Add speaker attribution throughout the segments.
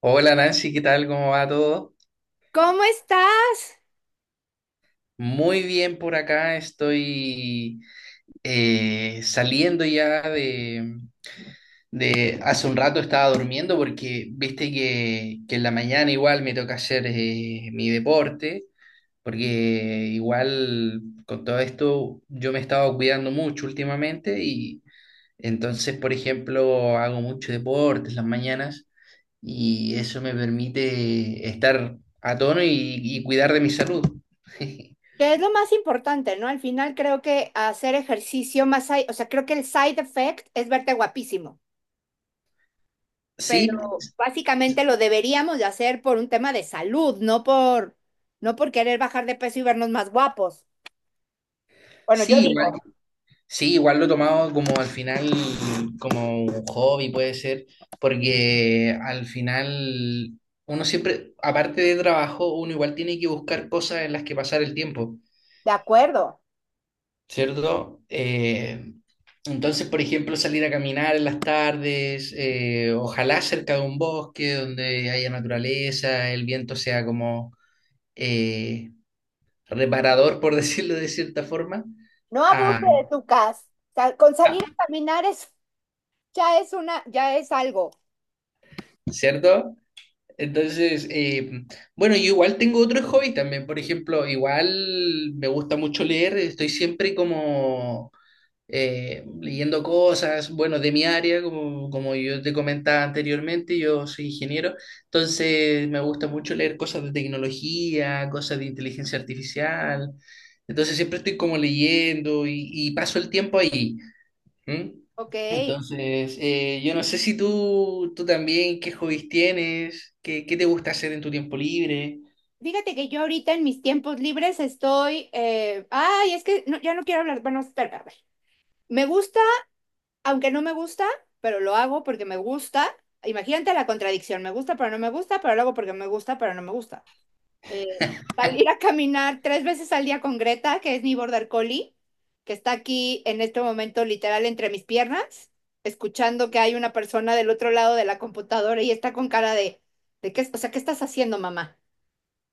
Speaker 1: Hola Nancy, ¿qué tal? ¿Cómo va todo?
Speaker 2: ¿Cómo estás?
Speaker 1: Muy bien por acá, estoy saliendo ya Hace un rato estaba durmiendo porque viste que en la mañana igual me toca hacer mi deporte, porque igual con todo esto yo me he estado cuidando mucho últimamente y entonces, por ejemplo, hago mucho deporte en las mañanas. Y eso me permite estar a tono y cuidar de mi salud.
Speaker 2: Que es lo más importante, ¿no? Al final creo que hacer ejercicio más, o sea, creo que el side effect es verte guapísimo,
Speaker 1: Sí,
Speaker 2: pero básicamente lo deberíamos de hacer por un tema de salud, no por querer bajar de peso y vernos más guapos. Bueno, yo
Speaker 1: sí, igual,
Speaker 2: digo,
Speaker 1: sí, igual lo he tomado como al final, como un hobby puede ser, porque al final uno siempre, aparte de trabajo, uno igual tiene que buscar cosas en las que pasar el tiempo,
Speaker 2: de acuerdo,
Speaker 1: ¿cierto? Entonces, por ejemplo, salir a caminar en las tardes, ojalá cerca de un bosque donde haya naturaleza, el viento sea como eh, reparador, por decirlo de cierta forma,
Speaker 2: no abuse
Speaker 1: a,
Speaker 2: de tu casa. Con
Speaker 1: a-
Speaker 2: salir a caminar es, ya es algo,
Speaker 1: ¿cierto? Entonces, bueno, yo igual tengo otros hobbies también, por ejemplo, igual me gusta mucho leer, estoy siempre como leyendo cosas, bueno, de mi área, como yo te comentaba anteriormente, yo soy ingeniero, entonces me gusta mucho leer cosas de tecnología, cosas de inteligencia artificial, entonces siempre estoy como leyendo y paso el tiempo ahí. ¿Mm?
Speaker 2: ¿ok?
Speaker 1: Entonces, yo no sé si tú también, qué hobbies tienes, qué te gusta hacer en tu tiempo libre,
Speaker 2: Fíjate que yo ahorita en mis tiempos libres estoy, ay, es que no- ya no quiero hablar, bueno, espera, a ver. Me gusta, aunque no me gusta, pero lo hago porque me gusta. Imagínate la contradicción, me gusta, pero no me gusta, pero lo hago porque me gusta, pero no me gusta. Eh, Salir a caminar tres veces al día con Greta, que es mi border collie, que está aquí en este momento literal entre mis piernas, escuchando que hay una persona del otro lado de la computadora y está con cara de qué, o sea, ¿qué estás haciendo, mamá?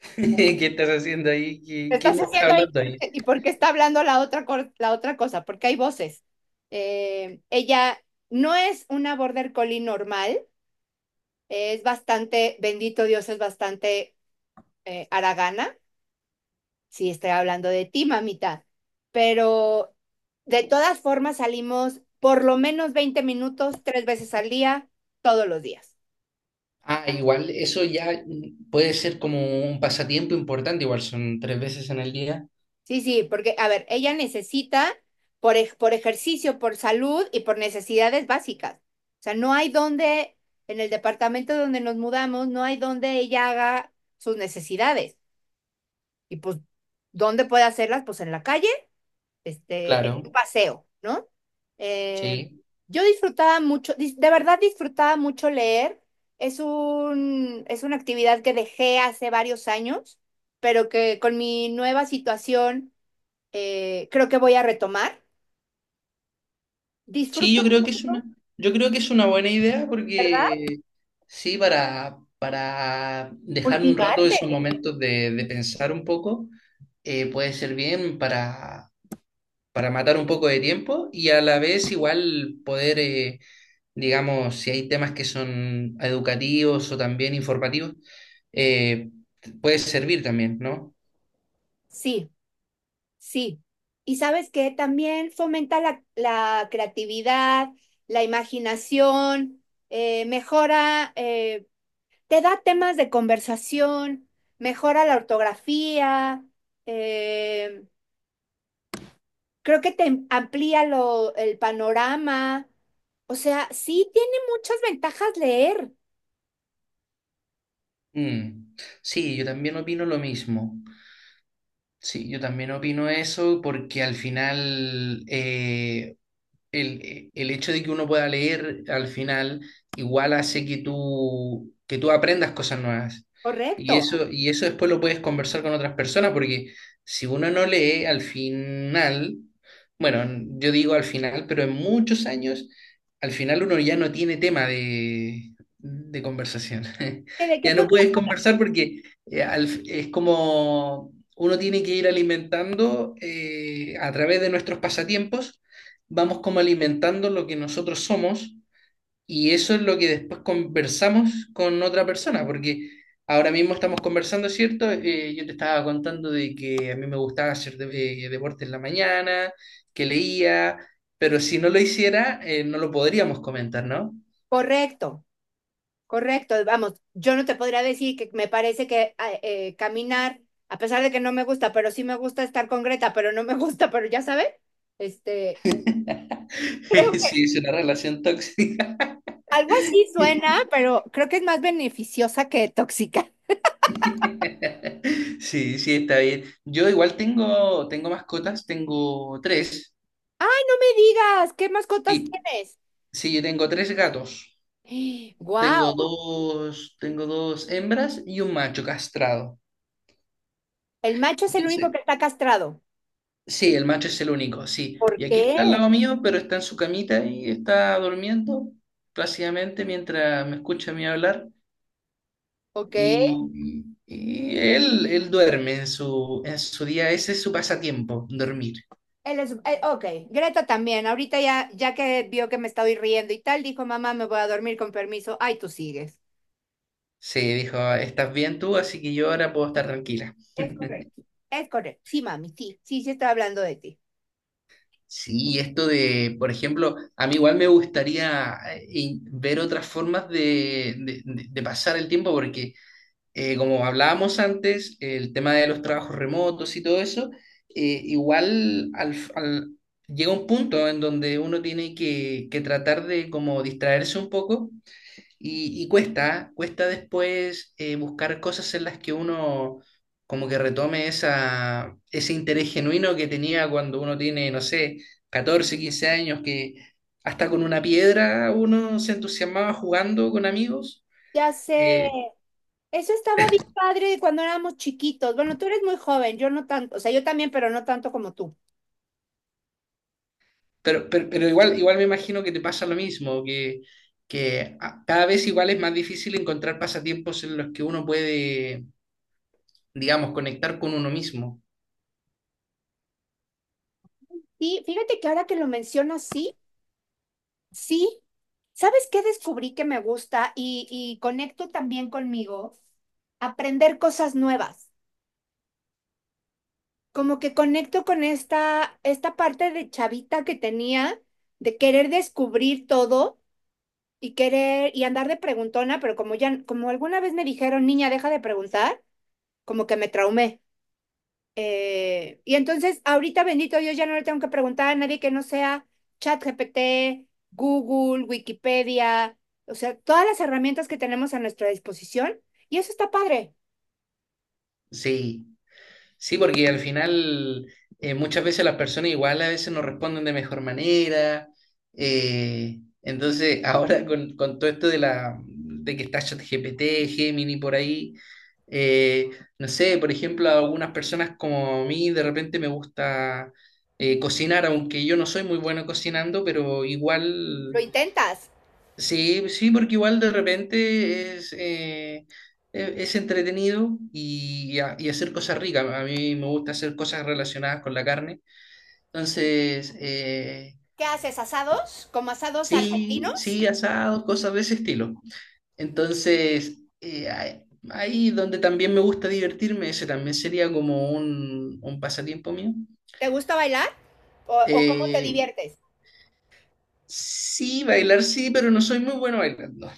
Speaker 1: qué estás haciendo ahí,
Speaker 2: ¿Qué
Speaker 1: ¿
Speaker 2: estás
Speaker 1: quién está
Speaker 2: haciendo ahí?
Speaker 1: hablando ahí.
Speaker 2: ¿Y por qué está hablando la otra cosa? Porque hay voces. Ella no es una border collie normal, es bastante, bendito Dios, es bastante haragana. Sí, estoy hablando de ti, mamita. Pero de todas formas salimos por lo menos 20 minutos, 3 veces al día, todos los días.
Speaker 1: Ah, igual, eso ya puede ser como un pasatiempo importante, igual son tres veces en el día.
Speaker 2: Sí, sí, porque, a ver, ella necesita por ejercicio, por salud y por necesidades básicas. O sea, no hay donde, en el departamento donde nos mudamos, no hay donde ella haga sus necesidades. Y pues, ¿dónde puede hacerlas? Pues en la calle, este, en un
Speaker 1: Claro,
Speaker 2: paseo, ¿no? Eh,
Speaker 1: sí.
Speaker 2: yo de verdad disfrutaba mucho leer. Es un, es una actividad que dejé hace varios años, pero que con mi nueva situación creo que voy a retomar.
Speaker 1: Sí,
Speaker 2: Disfruto mucho,
Speaker 1: yo creo que es una buena idea
Speaker 2: ¿verdad?
Speaker 1: porque sí, para dejar un rato
Speaker 2: Cultivarte.
Speaker 1: esos momentos de pensar un poco, puede ser bien para matar un poco de tiempo y a la vez igual poder, digamos, si hay temas que son educativos o también informativos, eh, puede servir también, ¿no?
Speaker 2: Sí, sí. Y sabes que también fomenta la creatividad, la imaginación, mejora, te da temas de conversación, mejora la ortografía, eh, creo que te el panorama. O sea, sí tiene muchas ventajas leer,
Speaker 1: Mm. Sí, yo también opino lo mismo. Sí, yo también opino eso porque al final, el hecho de que uno pueda leer al final igual hace que que tú aprendas cosas nuevas.
Speaker 2: correcto.
Speaker 1: Y eso después lo puedes conversar con otras personas, porque si uno no lee al final, bueno, yo digo al final, pero en muchos años, al final uno ya no tiene tema de conversación.
Speaker 2: ¿De qué
Speaker 1: Ya no puedes
Speaker 2: podrías?
Speaker 1: conversar porque es como uno tiene que ir alimentando a través de nuestros pasatiempos vamos como alimentando lo que nosotros somos y eso es lo que después conversamos con otra persona, porque ahora mismo estamos conversando, ¿cierto? Yo te estaba contando de que a mí me gustaba hacer deporte en la mañana, que leía, pero si no lo hiciera, no lo podríamos comentar, ¿no?
Speaker 2: Correcto. Correcto, vamos, yo no te podría decir que me parece que caminar, a pesar de que no me gusta, pero sí me gusta estar con Greta, pero no me gusta, pero ya sabes, este, creo
Speaker 1: Sí,
Speaker 2: que
Speaker 1: es una relación tóxica.
Speaker 2: algo así suena, pero creo que es más beneficiosa que tóxica.
Speaker 1: Sí, sí, está bien. Yo igual tengo mascotas, tengo tres.
Speaker 2: ¡Ay, no me digas! ¿Qué mascotas
Speaker 1: Sí,
Speaker 2: tienes?
Speaker 1: sí, yo tengo tres gatos.
Speaker 2: Wow.
Speaker 1: Tengo dos hembras y un macho castrado.
Speaker 2: El macho es el único
Speaker 1: Entonces,
Speaker 2: que está castrado.
Speaker 1: sí, el macho es el único, sí.
Speaker 2: ¿Por
Speaker 1: Y aquí está al
Speaker 2: qué?
Speaker 1: lado mío, pero está en su camita y está durmiendo plácidamente mientras me escucha a mí hablar.
Speaker 2: Ok.
Speaker 1: Él duerme en en su día, ese es su pasatiempo, dormir.
Speaker 2: Él es, ok, Greta también. Ahorita ya, ya que vio que me estaba riendo y tal, dijo, mamá, me voy a dormir con permiso. Ay, tú sigues.
Speaker 1: Sí, dijo, estás bien tú, así que yo ahora puedo estar tranquila.
Speaker 2: Es correcto. Es correcto. Sí, mami, sí, sí, sí estaba hablando de ti.
Speaker 1: Sí, esto de, por ejemplo, a mí igual me gustaría ver otras formas de pasar el tiempo, porque como hablábamos antes, el tema de los trabajos remotos y todo eso, igual llega un punto en donde uno tiene que tratar de como distraerse un poco y cuesta después buscar cosas en las que uno como que retome ese interés genuino que tenía cuando uno tiene, no sé, 14 15 años, que hasta con una piedra uno se entusiasmaba jugando con amigos.
Speaker 2: Ya sé.
Speaker 1: Eh,
Speaker 2: Eso estaba bien padre cuando éramos chiquitos. Bueno, tú eres muy joven, yo no tanto, o sea, yo también, pero no tanto como tú.
Speaker 1: pero igual, igual me imagino que te pasa lo mismo, cada vez igual es más difícil encontrar pasatiempos en los que uno puede, digamos, conectar con uno mismo.
Speaker 2: Y fíjate que ahora que lo mencionas, sí, sí. ¿Sabes qué descubrí que me gusta y conecto también conmigo? Aprender cosas nuevas. Como que conecto con esta parte de chavita que tenía, de querer descubrir todo y querer y andar de preguntona, pero como ya, como alguna vez me dijeron, niña, deja de preguntar, como que me traumé. Y entonces, ahorita, bendito Dios, ya no le tengo que preguntar a nadie que no sea ChatGPT, Google, Wikipedia, o sea, todas las herramientas que tenemos a nuestra disposición. Y eso está padre.
Speaker 1: Sí. Sí, porque al final muchas veces las personas igual a veces nos responden de mejor manera. Entonces, ahora con todo esto de la de que está ChatGPT, Gemini por ahí, eh, no sé, por ejemplo, a algunas personas como a mí de repente me gusta cocinar, aunque yo no soy muy bueno cocinando, pero igual
Speaker 2: ¿Lo intentas?
Speaker 1: sí, sí, porque igual de repente es, es entretenido y, y hacer cosas ricas. A mí me gusta hacer cosas relacionadas con la carne. Entonces,
Speaker 2: ¿Qué haces? ¿Asados? ¿Como asados
Speaker 1: sí,
Speaker 2: argentinos?
Speaker 1: sí, asados, cosas de ese estilo. Entonces, ahí ahí donde también me gusta divertirme, ese también sería como un pasatiempo mío.
Speaker 2: ¿Te gusta bailar? O cómo te
Speaker 1: Eh,
Speaker 2: diviertes?
Speaker 1: sí, bailar sí, pero no soy muy bueno bailando.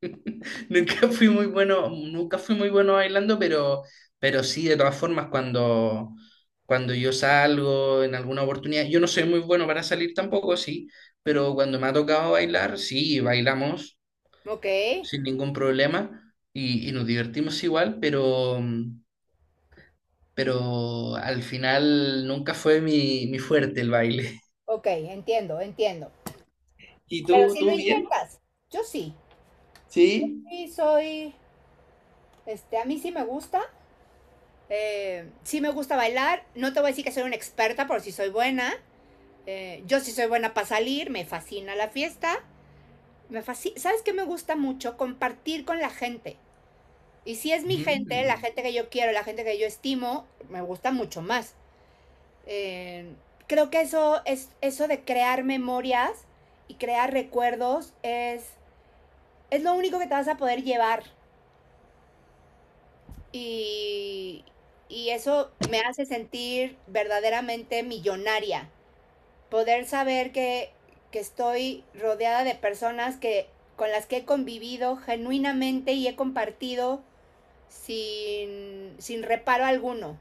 Speaker 1: Nunca fui muy bueno bailando, pero sí, de todas formas, cuando yo salgo en alguna oportunidad, yo no soy muy bueno para salir tampoco, sí, pero cuando me ha tocado bailar, sí, bailamos
Speaker 2: Ok,
Speaker 1: sin ningún problema y nos divertimos igual, pero al final nunca fue mi fuerte el baile.
Speaker 2: ok, entiendo, entiendo.
Speaker 1: ¿Y
Speaker 2: Pero si lo
Speaker 1: tú bien?
Speaker 2: intentas, yo sí.
Speaker 1: Sí.
Speaker 2: Sí, soy, este, a mí sí me gusta. Sí me gusta bailar. No te voy a decir que soy una experta, pero sí soy buena. Yo sí soy buena para salir. Me fascina la fiesta. Me fascina. ¿Sabes qué me gusta mucho? Compartir con la gente. Y si es mi gente, la
Speaker 1: Mm.
Speaker 2: gente que yo quiero, la gente que yo estimo, me gusta mucho más. Eh, Creo que eso es eso de crear memorias y crear recuerdos es lo único que te vas a poder llevar. Y, y eso me hace sentir verdaderamente millonaria. Poder saber que estoy rodeada de personas que, con las que he convivido genuinamente y he compartido sin, sin reparo alguno.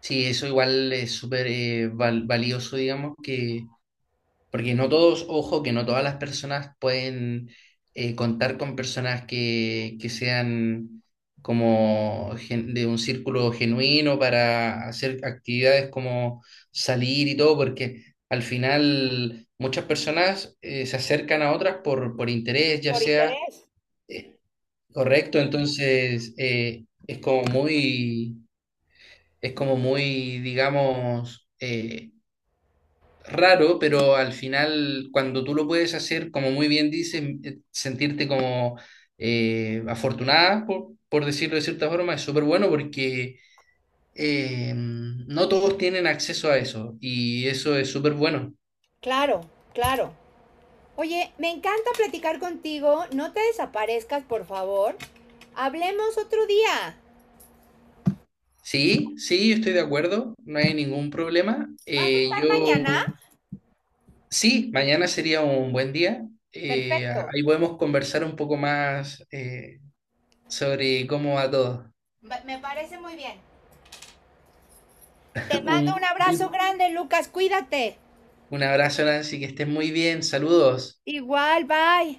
Speaker 1: Sí, eso igual es súper valioso, digamos, que, porque no todos, ojo, que no todas las personas pueden contar con personas que sean como de un círculo genuino para hacer actividades como salir y todo, porque al final muchas personas se acercan a otras por interés, ya
Speaker 2: Por
Speaker 1: sea
Speaker 2: interés.
Speaker 1: eh, correcto, entonces es como muy... Es como muy, digamos, raro, pero al final, cuando tú lo puedes hacer, como muy bien dices, sentirte como afortunada, por decirlo de cierta forma, es súper bueno porque no todos tienen acceso a eso y eso es súper bueno.
Speaker 2: Claro, claro. Oye, me encanta platicar contigo. No te desaparezcas, por favor. Hablemos otro día.
Speaker 1: Sí, sí, yo estoy de acuerdo, no hay ningún problema.
Speaker 2: ¿Vas a estar mañana?
Speaker 1: Sí, mañana sería un buen día. Eh,
Speaker 2: Perfecto.
Speaker 1: ahí podemos conversar un poco más. Sobre cómo va todo.
Speaker 2: Me parece muy bien. Te
Speaker 1: Un,
Speaker 2: mando un abrazo grande, Lucas, cuídate.
Speaker 1: un abrazo, Nancy, que estés muy bien. Saludos.
Speaker 2: Igual, bye.